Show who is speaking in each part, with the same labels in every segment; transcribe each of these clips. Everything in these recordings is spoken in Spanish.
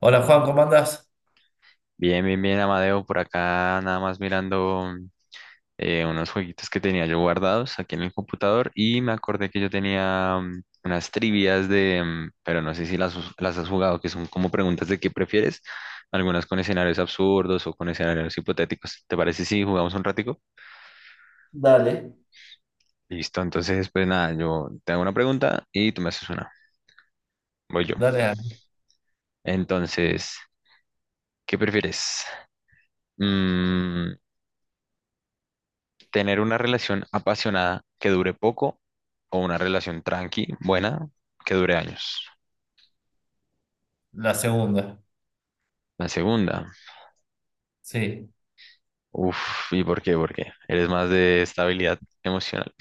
Speaker 1: Hola Juan, ¿cómo andás?
Speaker 2: Bien, bien, bien, Amadeo, por acá nada más mirando unos jueguitos que tenía yo guardados aquí en el computador y me acordé que yo tenía unas trivias pero no sé si las has jugado, que son como preguntas de qué prefieres, algunas con escenarios absurdos o con escenarios hipotéticos. ¿Te parece si jugamos un ratico?
Speaker 1: Dale.
Speaker 2: Listo, entonces pues nada, yo te hago una pregunta y tú me haces una. Voy yo.
Speaker 1: Dale, a
Speaker 2: Entonces, ¿qué prefieres? Mm, tener una relación apasionada que dure poco o una relación tranqui, buena, que dure años.
Speaker 1: la segunda.
Speaker 2: La segunda,
Speaker 1: Sí.
Speaker 2: uff, ¿y por qué? ¿Por qué? Eres más de estabilidad emocional.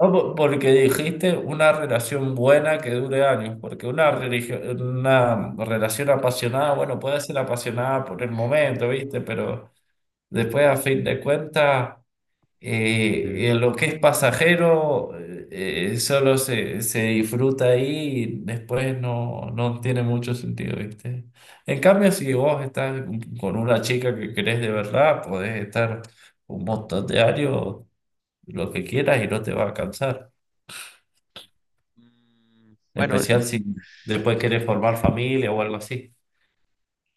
Speaker 1: Porque dijiste una relación buena que dure años, porque una relación apasionada, bueno, puede ser apasionada por el momento, ¿viste? Pero después, a fin de cuentas,
Speaker 2: Mm.
Speaker 1: lo que es pasajero solo se disfruta ahí y después no tiene mucho sentido, ¿viste? En cambio, si vos estás con una chica que querés de verdad, podés estar un montón de años, lo que quieras y no te va a cansar.
Speaker 2: Mm,
Speaker 1: En
Speaker 2: bueno,
Speaker 1: especial si después querés formar familia o algo así.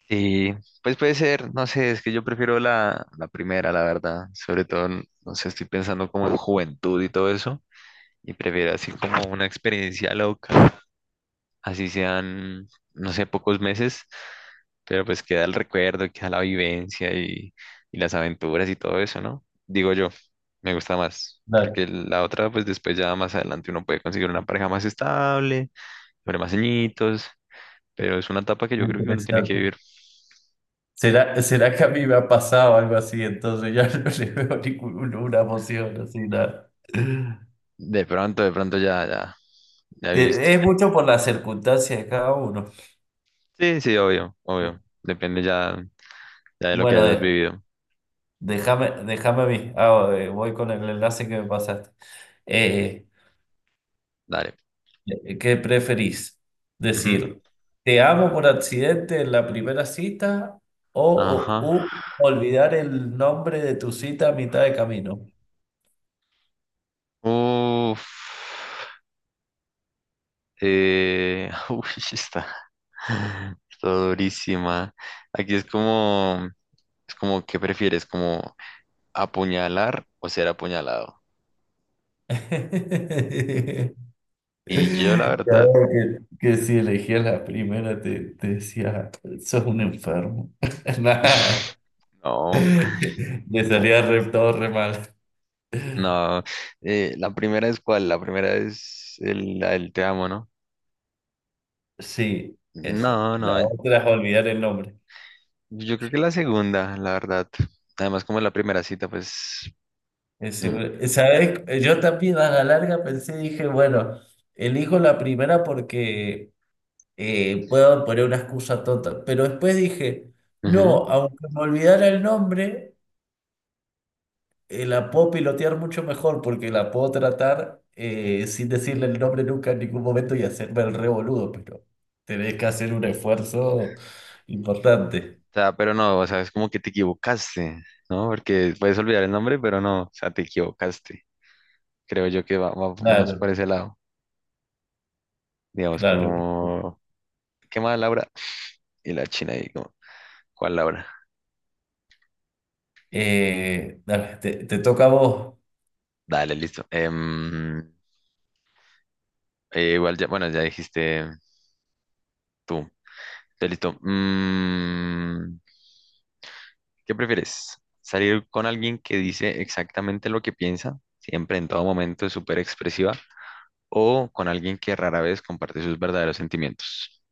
Speaker 2: sí, pues puede ser, no sé, es que yo prefiero la primera, la verdad, sobre todo, no sé, estoy pensando como en juventud y todo eso, y prefiero así como una experiencia loca. Así sean, no sé, pocos meses, pero pues queda el recuerdo, queda la vivencia y las aventuras y todo eso, ¿no? Digo yo, me gusta más,
Speaker 1: Claro,
Speaker 2: porque la otra, pues después ya más adelante uno puede conseguir una pareja más estable, sobre más añitos, pero es una etapa que yo creo que uno tiene que
Speaker 1: interesante.
Speaker 2: vivir.
Speaker 1: ¿Será, será que a mí me ha pasado algo así? Entonces ya no le veo ninguna emoción así, nada.
Speaker 2: De pronto ya, ya, ya viviste.
Speaker 1: Es mucho por las circunstancias de cada uno.
Speaker 2: Sí, sí, obvio, obvio. Depende ya, ya de lo que
Speaker 1: Bueno,
Speaker 2: hayas vivido.
Speaker 1: déjame a mí. Voy con el enlace que me pasaste. Eh,
Speaker 2: Dale.
Speaker 1: ¿Qué preferís?
Speaker 2: Ujú.
Speaker 1: Decir, ¿te amo por accidente en la primera cita o,
Speaker 2: Ajá.
Speaker 1: u olvidar el nombre de tu cita a mitad de camino?
Speaker 2: Uf. Uy, está, está durísima. Aquí es como, ¿qué prefieres? Como apuñalar o ser apuñalado. Y yo, la verdad,
Speaker 1: Claro que si elegías la primera te decía, sos un enfermo. Nah.
Speaker 2: no,
Speaker 1: Le
Speaker 2: no.
Speaker 1: salía re, todo re mal.
Speaker 2: No. La primera es cuál, la primera es la del te amo, ¿no?
Speaker 1: Sí, esa.
Speaker 2: No,
Speaker 1: La
Speaker 2: no,
Speaker 1: otra es olvidar el nombre.
Speaker 2: yo creo que la segunda, la verdad. Además, como en la primera cita, pues. Mm.
Speaker 1: ¿Sabes? Yo también a la larga pensé, dije, bueno, elijo la primera porque puedo poner una excusa tonta. Pero después dije,
Speaker 2: Ujú.
Speaker 1: no, aunque me olvidara el nombre, la puedo pilotear mucho mejor porque la puedo tratar sin decirle el nombre nunca en ningún momento y hacerme el re boludo, pero tenés que hacer un esfuerzo importante.
Speaker 2: O sea, pero no, o sea, es como que te equivocaste, ¿no? Porque puedes olvidar el nombre, pero no, o sea, te equivocaste. Creo yo que va, va más por
Speaker 1: Claro,
Speaker 2: ese lado. Digamos,
Speaker 1: claro.
Speaker 2: como, ¿qué más, Laura? Y la china ahí, como, ¿cuál Laura?
Speaker 1: Dale, te toca a vos.
Speaker 2: Dale, listo. Igual ya, bueno, ya dijiste tú. Ya listo. ¿Qué prefieres? ¿Salir con alguien que dice exactamente lo que piensa, siempre en todo momento es súper expresiva, o con alguien que rara vez comparte sus verdaderos sentimientos?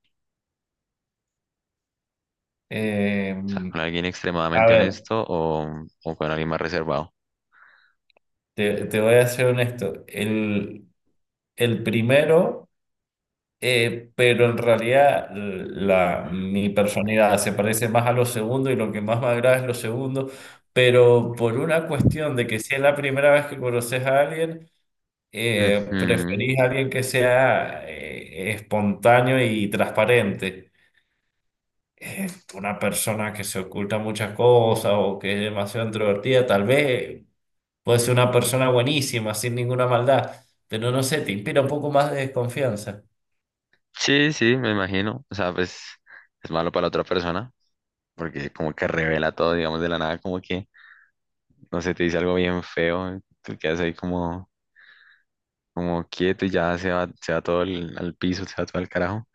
Speaker 1: Eh,
Speaker 2: O sea, con alguien
Speaker 1: a
Speaker 2: extremadamente
Speaker 1: ver,
Speaker 2: honesto o con alguien más reservado.
Speaker 1: te voy a ser honesto. El primero, pero en realidad mi personalidad se parece más a lo segundo y lo que más me agrada es lo segundo, pero por una cuestión de que si es la primera vez que conoces a alguien,
Speaker 2: Ujú.
Speaker 1: preferís a alguien que sea espontáneo y transparente. eh, una persona que se oculta muchas cosas o que es demasiado introvertida, tal vez puede ser una persona buenísima, sin ninguna maldad, pero no sé, te inspira un poco más de desconfianza.
Speaker 2: Sí, sí, me imagino. O sea, pues es malo para la otra persona porque como que revela todo, digamos, de la nada, como que, no sé, te dice algo bien feo, tú quedas ahí como, como quieto y ya se va todo al piso, se va todo al carajo.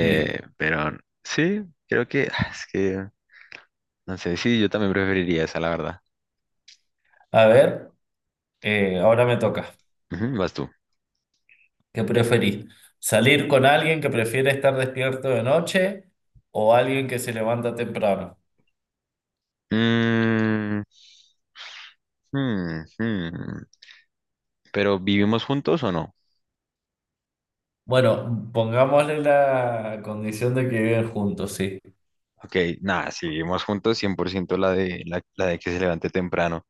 Speaker 1: Sí.
Speaker 2: Pero sí, creo que es que, no sé, sí, yo también preferiría esa, la verdad.
Speaker 1: A ver, ahora me toca.
Speaker 2: Ujú, vas tú.
Speaker 1: ¿Qué preferís? ¿Salir con alguien que prefiere estar despierto de noche o alguien que se levanta temprano?
Speaker 2: Mm, hmm, hmm. ¿Pero vivimos juntos o no?
Speaker 1: Bueno, pongámosle la condición de que viven juntos, sí.
Speaker 2: Ok, nada, si vivimos juntos, 100% la de que se levante temprano.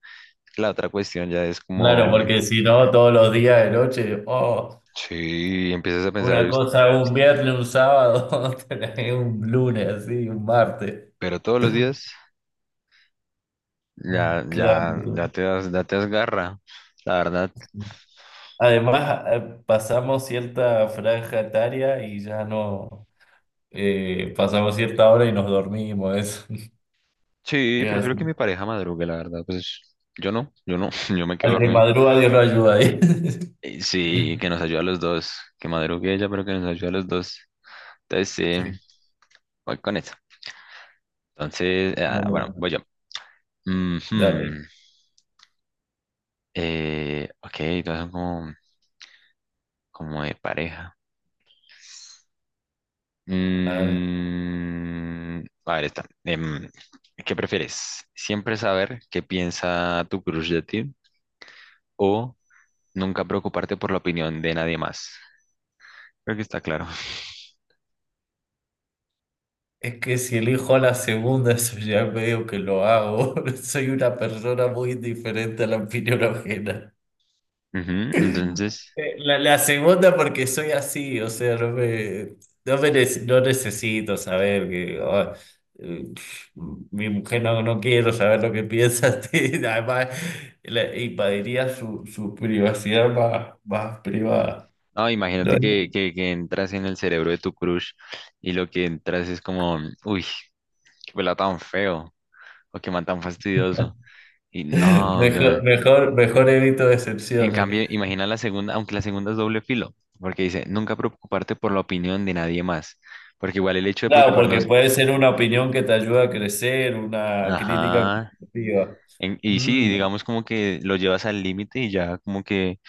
Speaker 2: La otra cuestión ya es
Speaker 1: Claro,
Speaker 2: como,
Speaker 1: porque si no, todos los días de noche, oh.
Speaker 2: sí, empiezas a pensar,
Speaker 1: Una
Speaker 2: "Uy,
Speaker 1: cosa un viernes, un sábado, otra es un lunes, así, un martes.
Speaker 2: pero todos los días ya, ya,
Speaker 1: Claro.
Speaker 2: ya te das garra", la verdad.
Speaker 1: Además, pasamos cierta franja etaria y ya no pasamos cierta hora y nos dormimos, eso.
Speaker 2: Sí,
Speaker 1: Es
Speaker 2: prefiero
Speaker 1: así.
Speaker 2: que mi pareja madrugue, la verdad, pues yo no, yo me quedo
Speaker 1: Al que
Speaker 2: dormido.
Speaker 1: madruga, Dios lo ayuda ahí.
Speaker 2: Y sí, que nos ayude a los dos, que madrugue ella, pero que nos ayude a los dos. Entonces, sí,
Speaker 1: Sí,
Speaker 2: voy con eso. Entonces, bueno,
Speaker 1: bueno,
Speaker 2: voy yo.
Speaker 1: dale.
Speaker 2: Ujú. Ok, todas son como, de pareja.
Speaker 1: A ver.
Speaker 2: A ver, esta. ¿Qué prefieres? ¿Siempre saber qué piensa tu crush de ti o nunca preocuparte por la opinión de nadie más? Creo que está claro.
Speaker 1: Es que si elijo a la segunda, eso ya veo que lo hago. Soy una persona muy diferente a la opinión ajena.
Speaker 2: Ujú. Entonces,
Speaker 1: La segunda porque soy así, o sea, no necesito saber que eh, mi mujer no quiero saber lo que piensa, sí, además le invadiría su privacidad más privada.
Speaker 2: no,
Speaker 1: No,
Speaker 2: imagínate que entras en el cerebro de tu crush y lo que entras es como, uy, qué pelado tan feo o qué man tan fastidioso. Y no, güey.
Speaker 1: Mejor evito
Speaker 2: En
Speaker 1: decepciones.
Speaker 2: cambio, imagina la segunda, aunque la segunda es doble filo, porque dice, nunca preocuparte por la opinión de nadie más, porque igual el hecho de
Speaker 1: Claro, porque
Speaker 2: preocuparnos,
Speaker 1: puede ser una opinión que te ayuda a crecer, una crítica
Speaker 2: ajá,
Speaker 1: constructiva.
Speaker 2: y sí,
Speaker 1: Mm,
Speaker 2: digamos como que lo llevas al límite y ya como que,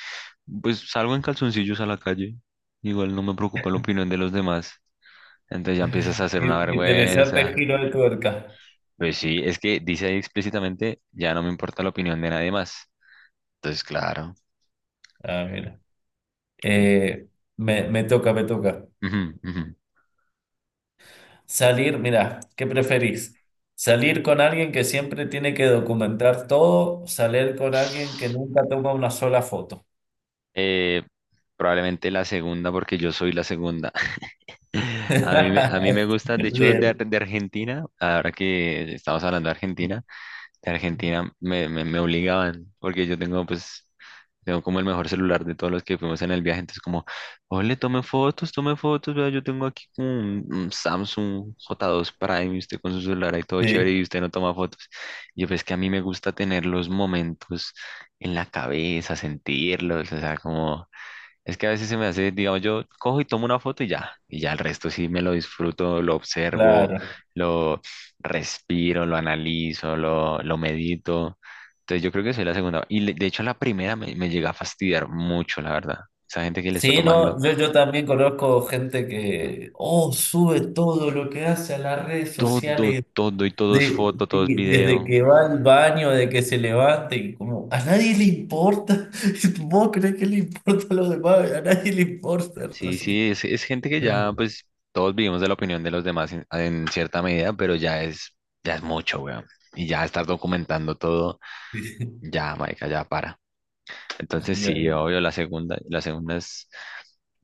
Speaker 2: pues salgo en calzoncillos a la calle, igual no me preocupa la opinión de los demás, entonces ya empiezas a hacer una
Speaker 1: interesante
Speaker 2: vergüenza,
Speaker 1: giro de tuerca.
Speaker 2: pues sí, es que dice ahí explícitamente, ya no me importa la opinión de nadie más, entonces claro.
Speaker 1: Ah, mira.
Speaker 2: eh,
Speaker 1: Eh, me toca.
Speaker 2: ujú, ujú.
Speaker 1: Salir, mira, ¿qué preferís? ¿Salir con alguien que siempre tiene que documentar todo o salir con alguien que nunca toma una sola foto?
Speaker 2: Eh, Probablemente la segunda, porque yo soy la segunda. A mí me gusta, de hecho,
Speaker 1: Bien,
Speaker 2: de Argentina, ahora que estamos hablando de Argentina me obligaban, porque yo tengo, pues, tengo como el mejor celular de todos los que fuimos en el viaje, entonces como, ole, tome fotos, vea, yo tengo aquí como un, Samsung J2 Prime, y usted con su celular ahí todo chévere
Speaker 1: sí,
Speaker 2: y usted no toma fotos. Y yo, pues, que a mí me gusta tener los momentos en la cabeza, sentirlos, o sea, como... Es que a veces se me hace, digamos, yo cojo y tomo una foto y ya el resto sí me lo disfruto, lo observo,
Speaker 1: claro.
Speaker 2: lo respiro, lo analizo, lo medito. Entonces yo creo que soy la segunda. Y de hecho la primera me llega a fastidiar mucho, la verdad. Esa gente que le está
Speaker 1: Sí,
Speaker 2: tomando
Speaker 1: no, yo también conozco gente que, oh, sube todo lo que hace a las redes
Speaker 2: todo,
Speaker 1: sociales.
Speaker 2: todo y todo es foto, todo es
Speaker 1: Sí, desde
Speaker 2: video.
Speaker 1: que va al baño, de que se levante, y como a nadie le importa. ¿Vos crees que le importa a los demás? A nadie le importa en
Speaker 2: Sí,
Speaker 1: realidad.
Speaker 2: sí, es gente que ya, pues, todos vivimos de la opinión de los demás en cierta medida, pero ya es mucho, weón. Y ya estar documentando todo,
Speaker 1: Sí, sí,
Speaker 2: ya, marica, ya para. Entonces, sí,
Speaker 1: ya.
Speaker 2: obvio, la segunda es,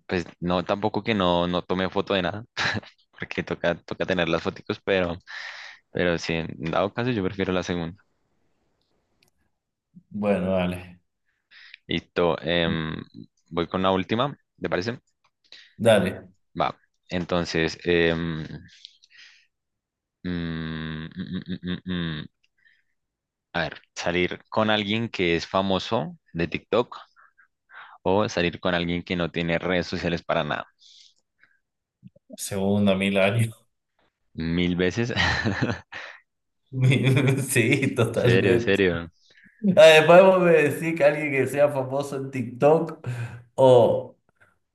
Speaker 2: pues, no, tampoco que no, tome foto de nada, porque toca tener las foticos, pero sí, en dado caso, yo prefiero la segunda.
Speaker 1: Bueno, dale.
Speaker 2: Listo, voy con la última, ¿te parece?
Speaker 1: Dale.
Speaker 2: Va. Entonces, mm, mm, mm, mm, mm, mm. A ver, salir con alguien que es famoso de TikTok o salir con alguien que no tiene redes sociales para nada.
Speaker 1: Segundo mil años.
Speaker 2: Mil veces.
Speaker 1: Mi- Sí,
Speaker 2: Serio,
Speaker 1: totalmente.
Speaker 2: serio.
Speaker 1: Además, vos me decís que alguien que sea famoso en TikTok o,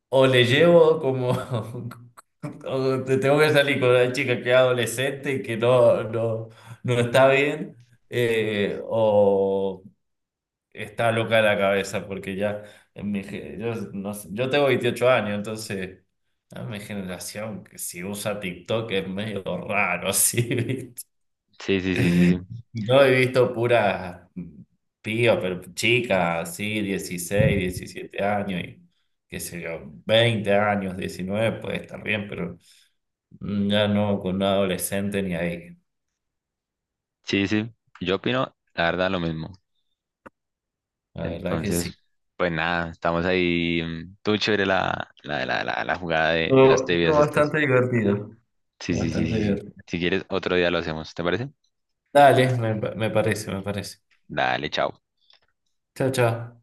Speaker 1: o le llevo como, o te tengo que salir con una chica que es adolescente y que no, no está bien, o está loca de la cabeza, porque ya, en mi ge- yo, no sé, yo tengo 28 años, entonces, a mi generación, que si usa TikTok es medio raro, así,
Speaker 2: Sí, sí, sí, sí, sí.
Speaker 1: No he visto puras pías, pero chicas, así, 16 17 años y qué sé yo, 20 años, 19 puede estar bien, pero ya no con un adolescente ni ahí.
Speaker 2: Sí, sí. Yo opino, la verdad, lo mismo.
Speaker 1: La verdad que
Speaker 2: Entonces,
Speaker 1: sí.
Speaker 2: pues nada, estamos ahí. Tú chévere la jugada de las tebias
Speaker 1: Estuvo
Speaker 2: estas.
Speaker 1: bastante divertido,
Speaker 2: Sí, sí, sí,
Speaker 1: bastante
Speaker 2: sí, sí.
Speaker 1: divertido.
Speaker 2: Si quieres, otro día lo hacemos, ¿te parece?
Speaker 1: Dale, me parece, me parece.
Speaker 2: Dale, chao.
Speaker 1: Chao, chao.